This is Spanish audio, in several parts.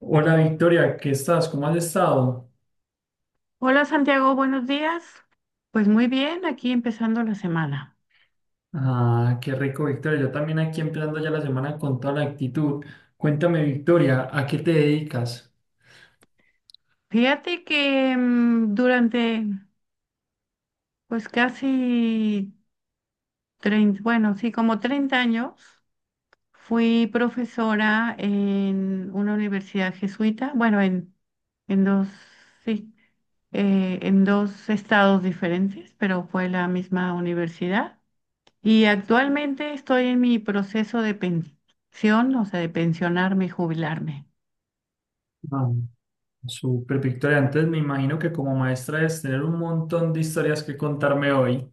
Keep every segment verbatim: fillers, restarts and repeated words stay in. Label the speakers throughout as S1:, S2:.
S1: Hola Victoria, ¿qué estás? ¿Cómo has estado?
S2: Hola Santiago, buenos días. Pues muy bien, aquí empezando la semana.
S1: Ah, qué rico Victoria, yo también aquí empezando ya la semana con toda la actitud. Cuéntame Victoria, ¿a qué te dedicas?
S2: Fíjate que mm, durante pues casi treinta, bueno, sí, como treinta años fui profesora en una universidad jesuita, bueno, en, en dos, sí, eh, en dos estados diferentes, pero fue la misma universidad. Y actualmente estoy en mi proceso de pensión, o sea, de pensionarme y jubilarme.
S1: Ah, súper Victoria, antes me imagino que como maestra debes tener un montón de historias que contarme hoy.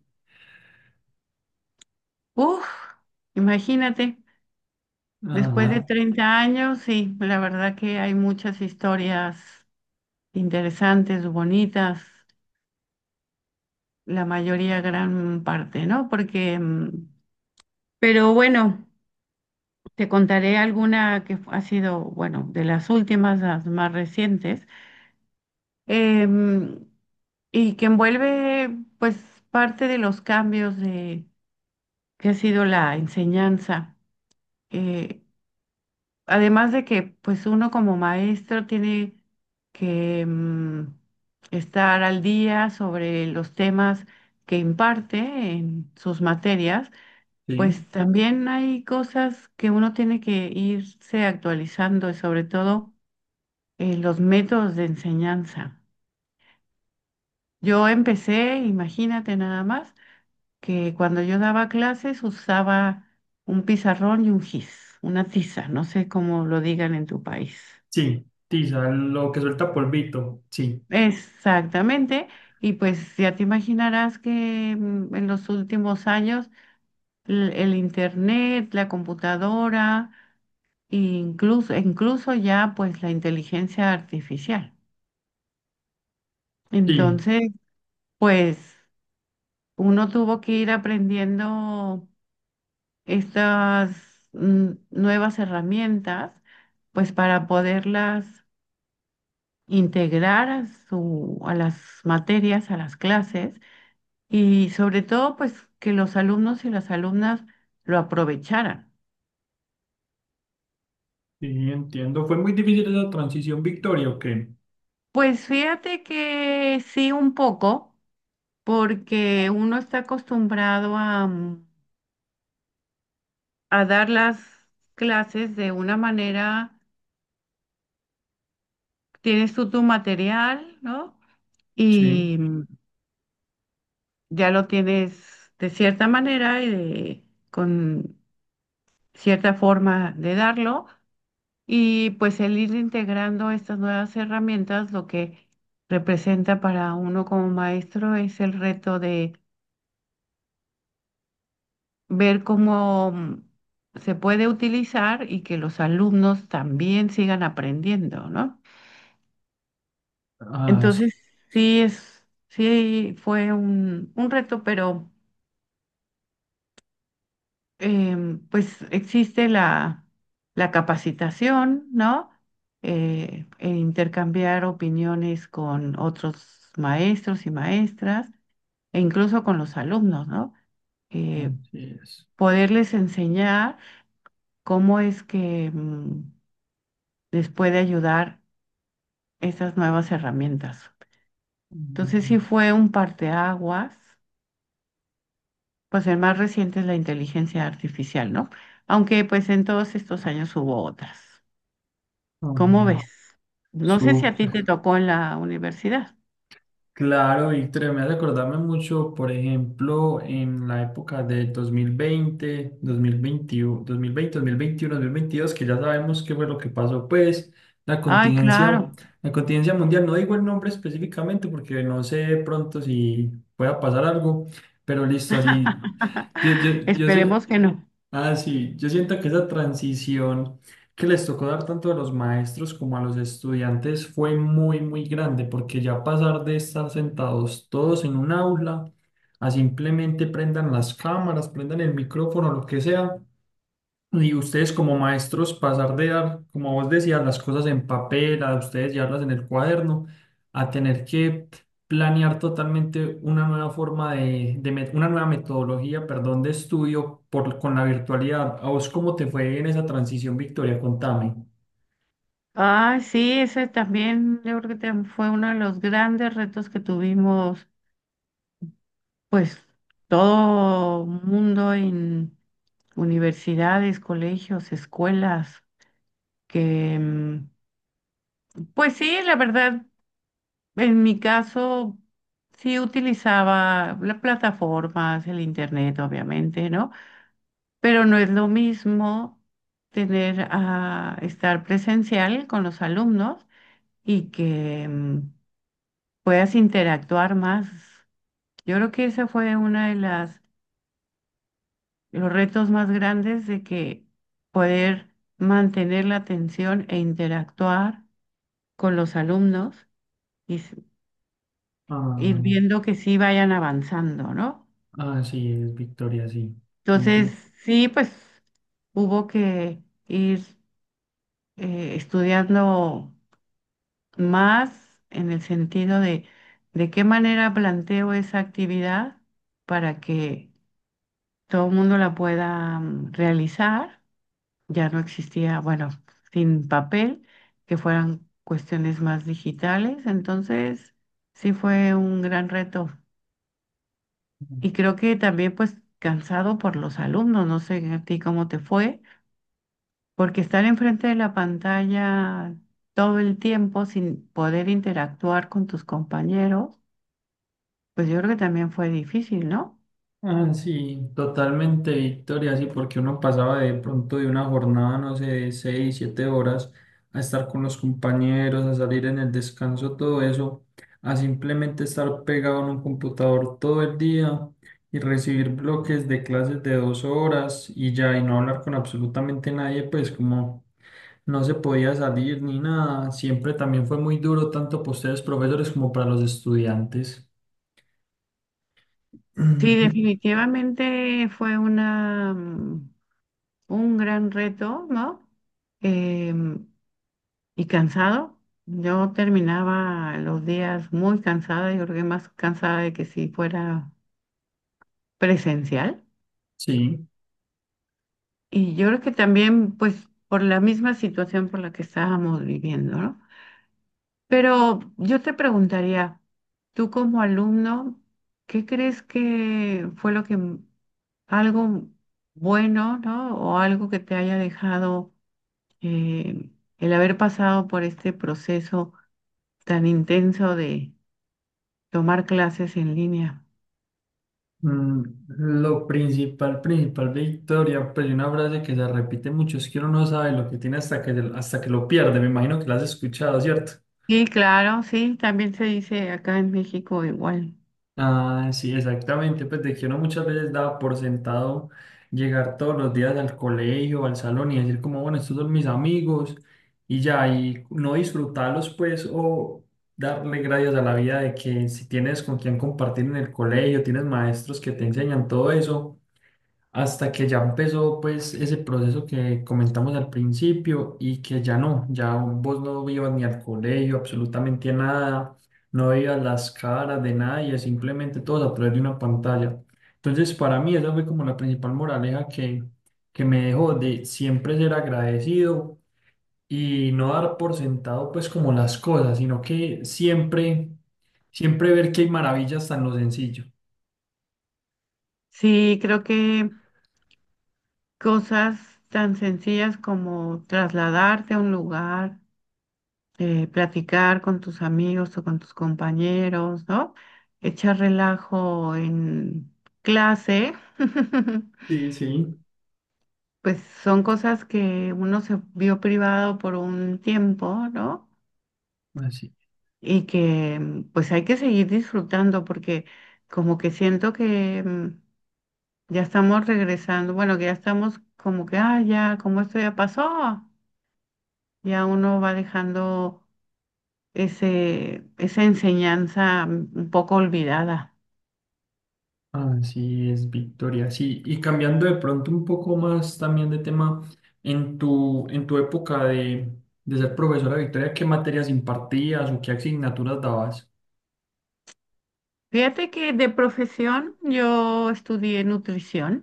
S2: Uf, imagínate,
S1: Ajá,
S2: después de treinta años, sí, la verdad que hay muchas historias interesantes, bonitas, la mayoría, gran parte, ¿no? Porque, mm, pero bueno, te contaré alguna que fu- ha sido, bueno, de las últimas, las más recientes, em, y que envuelve, pues, parte de los cambios de, que ha sido la enseñanza. eh, Además de que, pues uno como maestro tiene que mm, estar al día sobre los temas que imparte en sus materias,
S1: sí,
S2: pues también hay cosas que uno tiene que irse actualizando y sobre todo eh, los métodos de enseñanza. Yo empecé, imagínate nada más, que cuando yo daba clases usaba un pizarrón y un gis, una tiza, no sé cómo lo digan en tu país.
S1: sí, tiza, lo que suelta polvito, sí,
S2: Exactamente, y pues ya te imaginarás que mm, en los últimos años l- el, internet, la computadora, e incluso, incluso ya pues la inteligencia artificial.
S1: sí,
S2: Entonces, pues uno tuvo que ir aprendiendo estas mm, nuevas herramientas pues para poderlas integrar a su, a las materias, a las clases y sobre todo pues que los alumnos y las alumnas lo aprovecharan.
S1: sí, entiendo. ¿Fue muy difícil esa transición Victoria o qué?
S2: Pues fíjate que sí un poco, porque uno está acostumbrado a, mm, a dar las clases de una manera, tienes tú tu material, ¿no?
S1: Sí,
S2: Y mm, ya lo tienes de cierta manera y de- con cierta forma de darlo. Y pues el ir integrando estas nuevas herramientas, lo que representa para uno como maestro es el reto de ver cómo mm, se puede utilizar y que los alumnos también sigan aprendiendo, ¿no?
S1: ah, sí,
S2: Entonces, sí es, sí fue un, un reto, pero em, pues existe la, la capacitación, ¿no? Eh, e intercambiar opiniones con otros maestros y maestras e incluso con los alumnos, ¿no? Eh,
S1: así es.
S2: Poderles enseñar cómo es que mm, les puede ayudar estas nuevas herramientas. Entonces sí
S1: Mm,
S2: fue un parteaguas, pues el más reciente es la inteligencia artificial, ¿no? Aunque pues en todos estos años hubo otras. ¿Cómo
S1: mm.
S2: ves? No sé si a ti te
S1: Súper,
S2: tocó en la universidad.
S1: claro, Víctor, me hace acordarme mucho, por ejemplo, en la época del dos mil veinte, dos mil veintiuno, dos mil veinte, dos mil veintiuno, dos mil veintidós, que ya sabemos qué fue lo que pasó, pues la
S2: Ay,
S1: contingencia,
S2: claro.
S1: la contingencia mundial, no digo el nombre específicamente porque no sé de pronto si pueda pasar algo, pero listo, así, yo, yo, yo sí-
S2: Esperemos que no.
S1: Ah, sí, yo siento que esa transición que les tocó dar tanto a los maestros como a los estudiantes fue muy, muy grande, porque ya pasar de estar sentados todos en un aula a simplemente prendan las cámaras, prendan el micrófono, lo que sea, y ustedes como maestros, pasar de dar, como vos decías, las cosas en papel, a ustedes llevarlas en el cuaderno, a tener que planear totalmente una nueva forma de, de met- una nueva metodología, perdón, de estudio por, con la virtualidad. ¿A vos cómo te fue en esa transición, Victoria? Contame.
S2: Ay, sí, ese también yo creo que tam- fue uno de los grandes retos que tuvimos, pues todo mundo en universidades, colegios, escuelas, que mm, pues sí, la verdad, en mi caso sí utilizaba las plataformas, el internet, obviamente, ¿no? Pero no es lo mismo tener a estar presencial con los alumnos y que mm, puedas interactuar más. Yo creo que ese fue uno de las, los retos más grandes de que poder mantener la atención e interactuar con los alumnos y s- ir
S1: Ah,
S2: viendo que sí vayan avanzando, ¿no?
S1: ah, sí, es Victoria, sí. Comple-
S2: Entonces, sí, pues hubo que ir eh, estudiando más en el sentido de de qué manera planteo esa actividad para que todo el mundo la pueda mm, realizar. Ya no existía, bueno, sin papel, que fueran cuestiones más digitales. Entonces, sí fue un gran reto. Y creo que también pues cansado por los alumnos, no sé a ti cómo te fue, porque estar enfrente de la pantalla todo el tiempo sin poder interactuar con tus compañeros. Pues yo creo que también fue difícil, ¿no?
S1: Ah, sí, totalmente, Victoria, sí, porque uno pasaba de pronto de una jornada, no sé, de seis, siete horas, a estar con los compañeros, a salir en el descanso, todo eso, a simplemente estar pegado en un computador todo el día y recibir bloques de clases de dos horas y ya, y no hablar con absolutamente nadie, pues como no se podía salir ni nada, siempre también fue muy duro, tanto para ustedes profesores como para los estudiantes.
S2: Sí, definitivamente fue una, mm, un gran reto, ¿no? Em, y cansado. Yo terminaba los días muy cansada, yo creo que más cansada de que si fuera presencial.
S1: Sí.
S2: Y yo creo que también, pues, por la misma situación por la que estábamos viviendo, ¿no? Pero yo te preguntaría, tú como alumno, ¿qué crees que fue lo que m- algo bueno, ¿no? O algo que te haya dejado eh, el haber pasado por este proceso tan intenso de tomar clases en línea.
S1: Mm, lo principal, principal, Victoria, pues hay una frase que se repite mucho, es que uno no sabe lo que tiene hasta que, hasta que lo pierde, me imagino que la has escuchado, ¿cierto?
S2: Sí, claro, sí, también se dice acá en México igual.
S1: Ah, sí, exactamente, pues de que uno muchas veces daba por sentado llegar todos los días al colegio, al salón y decir como, bueno, estos son mis amigos y ya, y no disfrutarlos pues o darle gracias a la vida de que si tienes con quien compartir en el colegio, tienes maestros que te enseñan todo eso hasta que ya empezó pues ese proceso que comentamos al principio y que ya no, ya vos no ibas ni al colegio, absolutamente a nada, no veías las caras de nadie, simplemente todos a través de una pantalla. Entonces para mí esa fue como la principal moraleja que, que me dejó de siempre ser agradecido y no dar por sentado pues como las cosas, sino que siempre, siempre ver que hay maravillas tan lo sencillo.
S2: Sí, creo que cosas tan sencillas como trasladarte a un lugar eh, platicar con tus amigos o con tus compañeros, ¿no? Echar relajo en clase,
S1: Sí, sí,
S2: pues son cosas que uno se vio privado por un tiempo, ¿no?
S1: así.
S2: Y que mm, pues hay que seguir disfrutando porque como que siento que mm, ya estamos regresando, bueno, que ya estamos como que, ah, ya, como esto ya pasó, ya uno va dejando ese, esa enseñanza mm, un poco olvidada.
S1: Así es, Victoria. Sí, y cambiando de pronto un poco más también de tema, en tu, en tu época de, de ser profesora, Victoria, ¿qué materias impartías o qué asignaturas dabas?
S2: Fíjate que de profesión yo estudié nutrición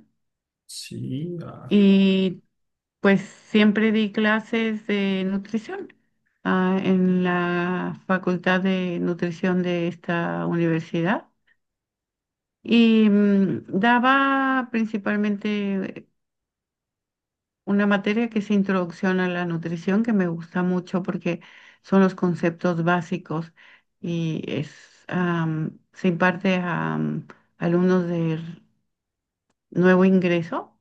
S1: Sí, ah,
S2: y pues siempre di clases de nutrición, ah, en la Facultad de Nutrición de esta universidad y mm, daba principalmente una materia que es Introducción a la Nutrición que me gusta mucho porque son los conceptos básicos y es am, se imparte a am, alumnos de nuevo ingreso.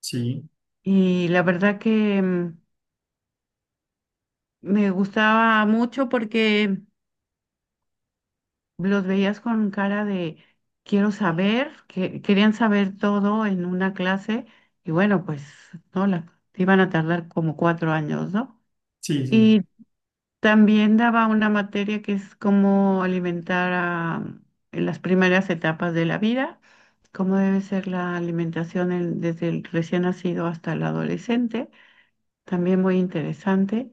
S1: sí,
S2: Y la verdad que mm, me gustaba mucho porque los veías con cara de quiero saber, que querían saber todo en una clase. Y bueno, pues no, la, iban a tardar como cuatro años, ¿no?
S1: sí, sí. Sí.
S2: Y también daba una materia que es cómo alimentar a, mm, en las primeras etapas de la vida, cómo debe ser la alimentación en- desde el recién nacido hasta el adolescente. También muy interesante.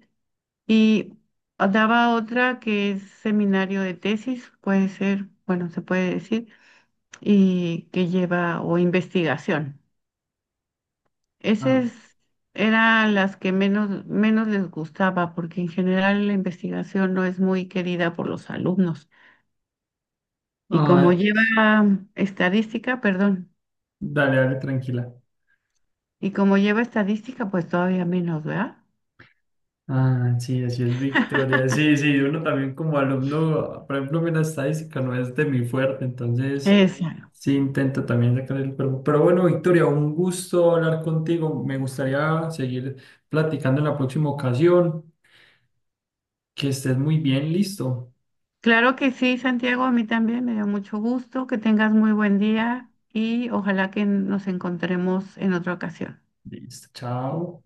S2: Y daba otra que es seminario de tesis, puede ser, bueno, se puede decir, y que lleva o investigación.
S1: Ah,
S2: Esas eran las que menos, menos les gustaba, porque en general la investigación no es muy querida por los alumnos. Y como
S1: ah,
S2: lleva estadística, perdón,
S1: dale, dale, tranquila.
S2: y como lleva estadística, pues todavía menos, ¿verdad?
S1: Ah, sí, así es Victoria. Sí, sí, uno también como alumno, por ejemplo, a mí la estadística no es de mi fuerte, entonces
S2: Esa,
S1: sí intento también sacar el cuerpo. Pero bueno, Victoria, un gusto hablar contigo. Me gustaría seguir platicando en la próxima ocasión. Que estés muy bien, listo.
S2: Claro que sí, Santiago, a mí también me dio mucho gusto, que tengas muy buen día y ojalá que nos encontremos en otra ocasión.
S1: Listo, chao.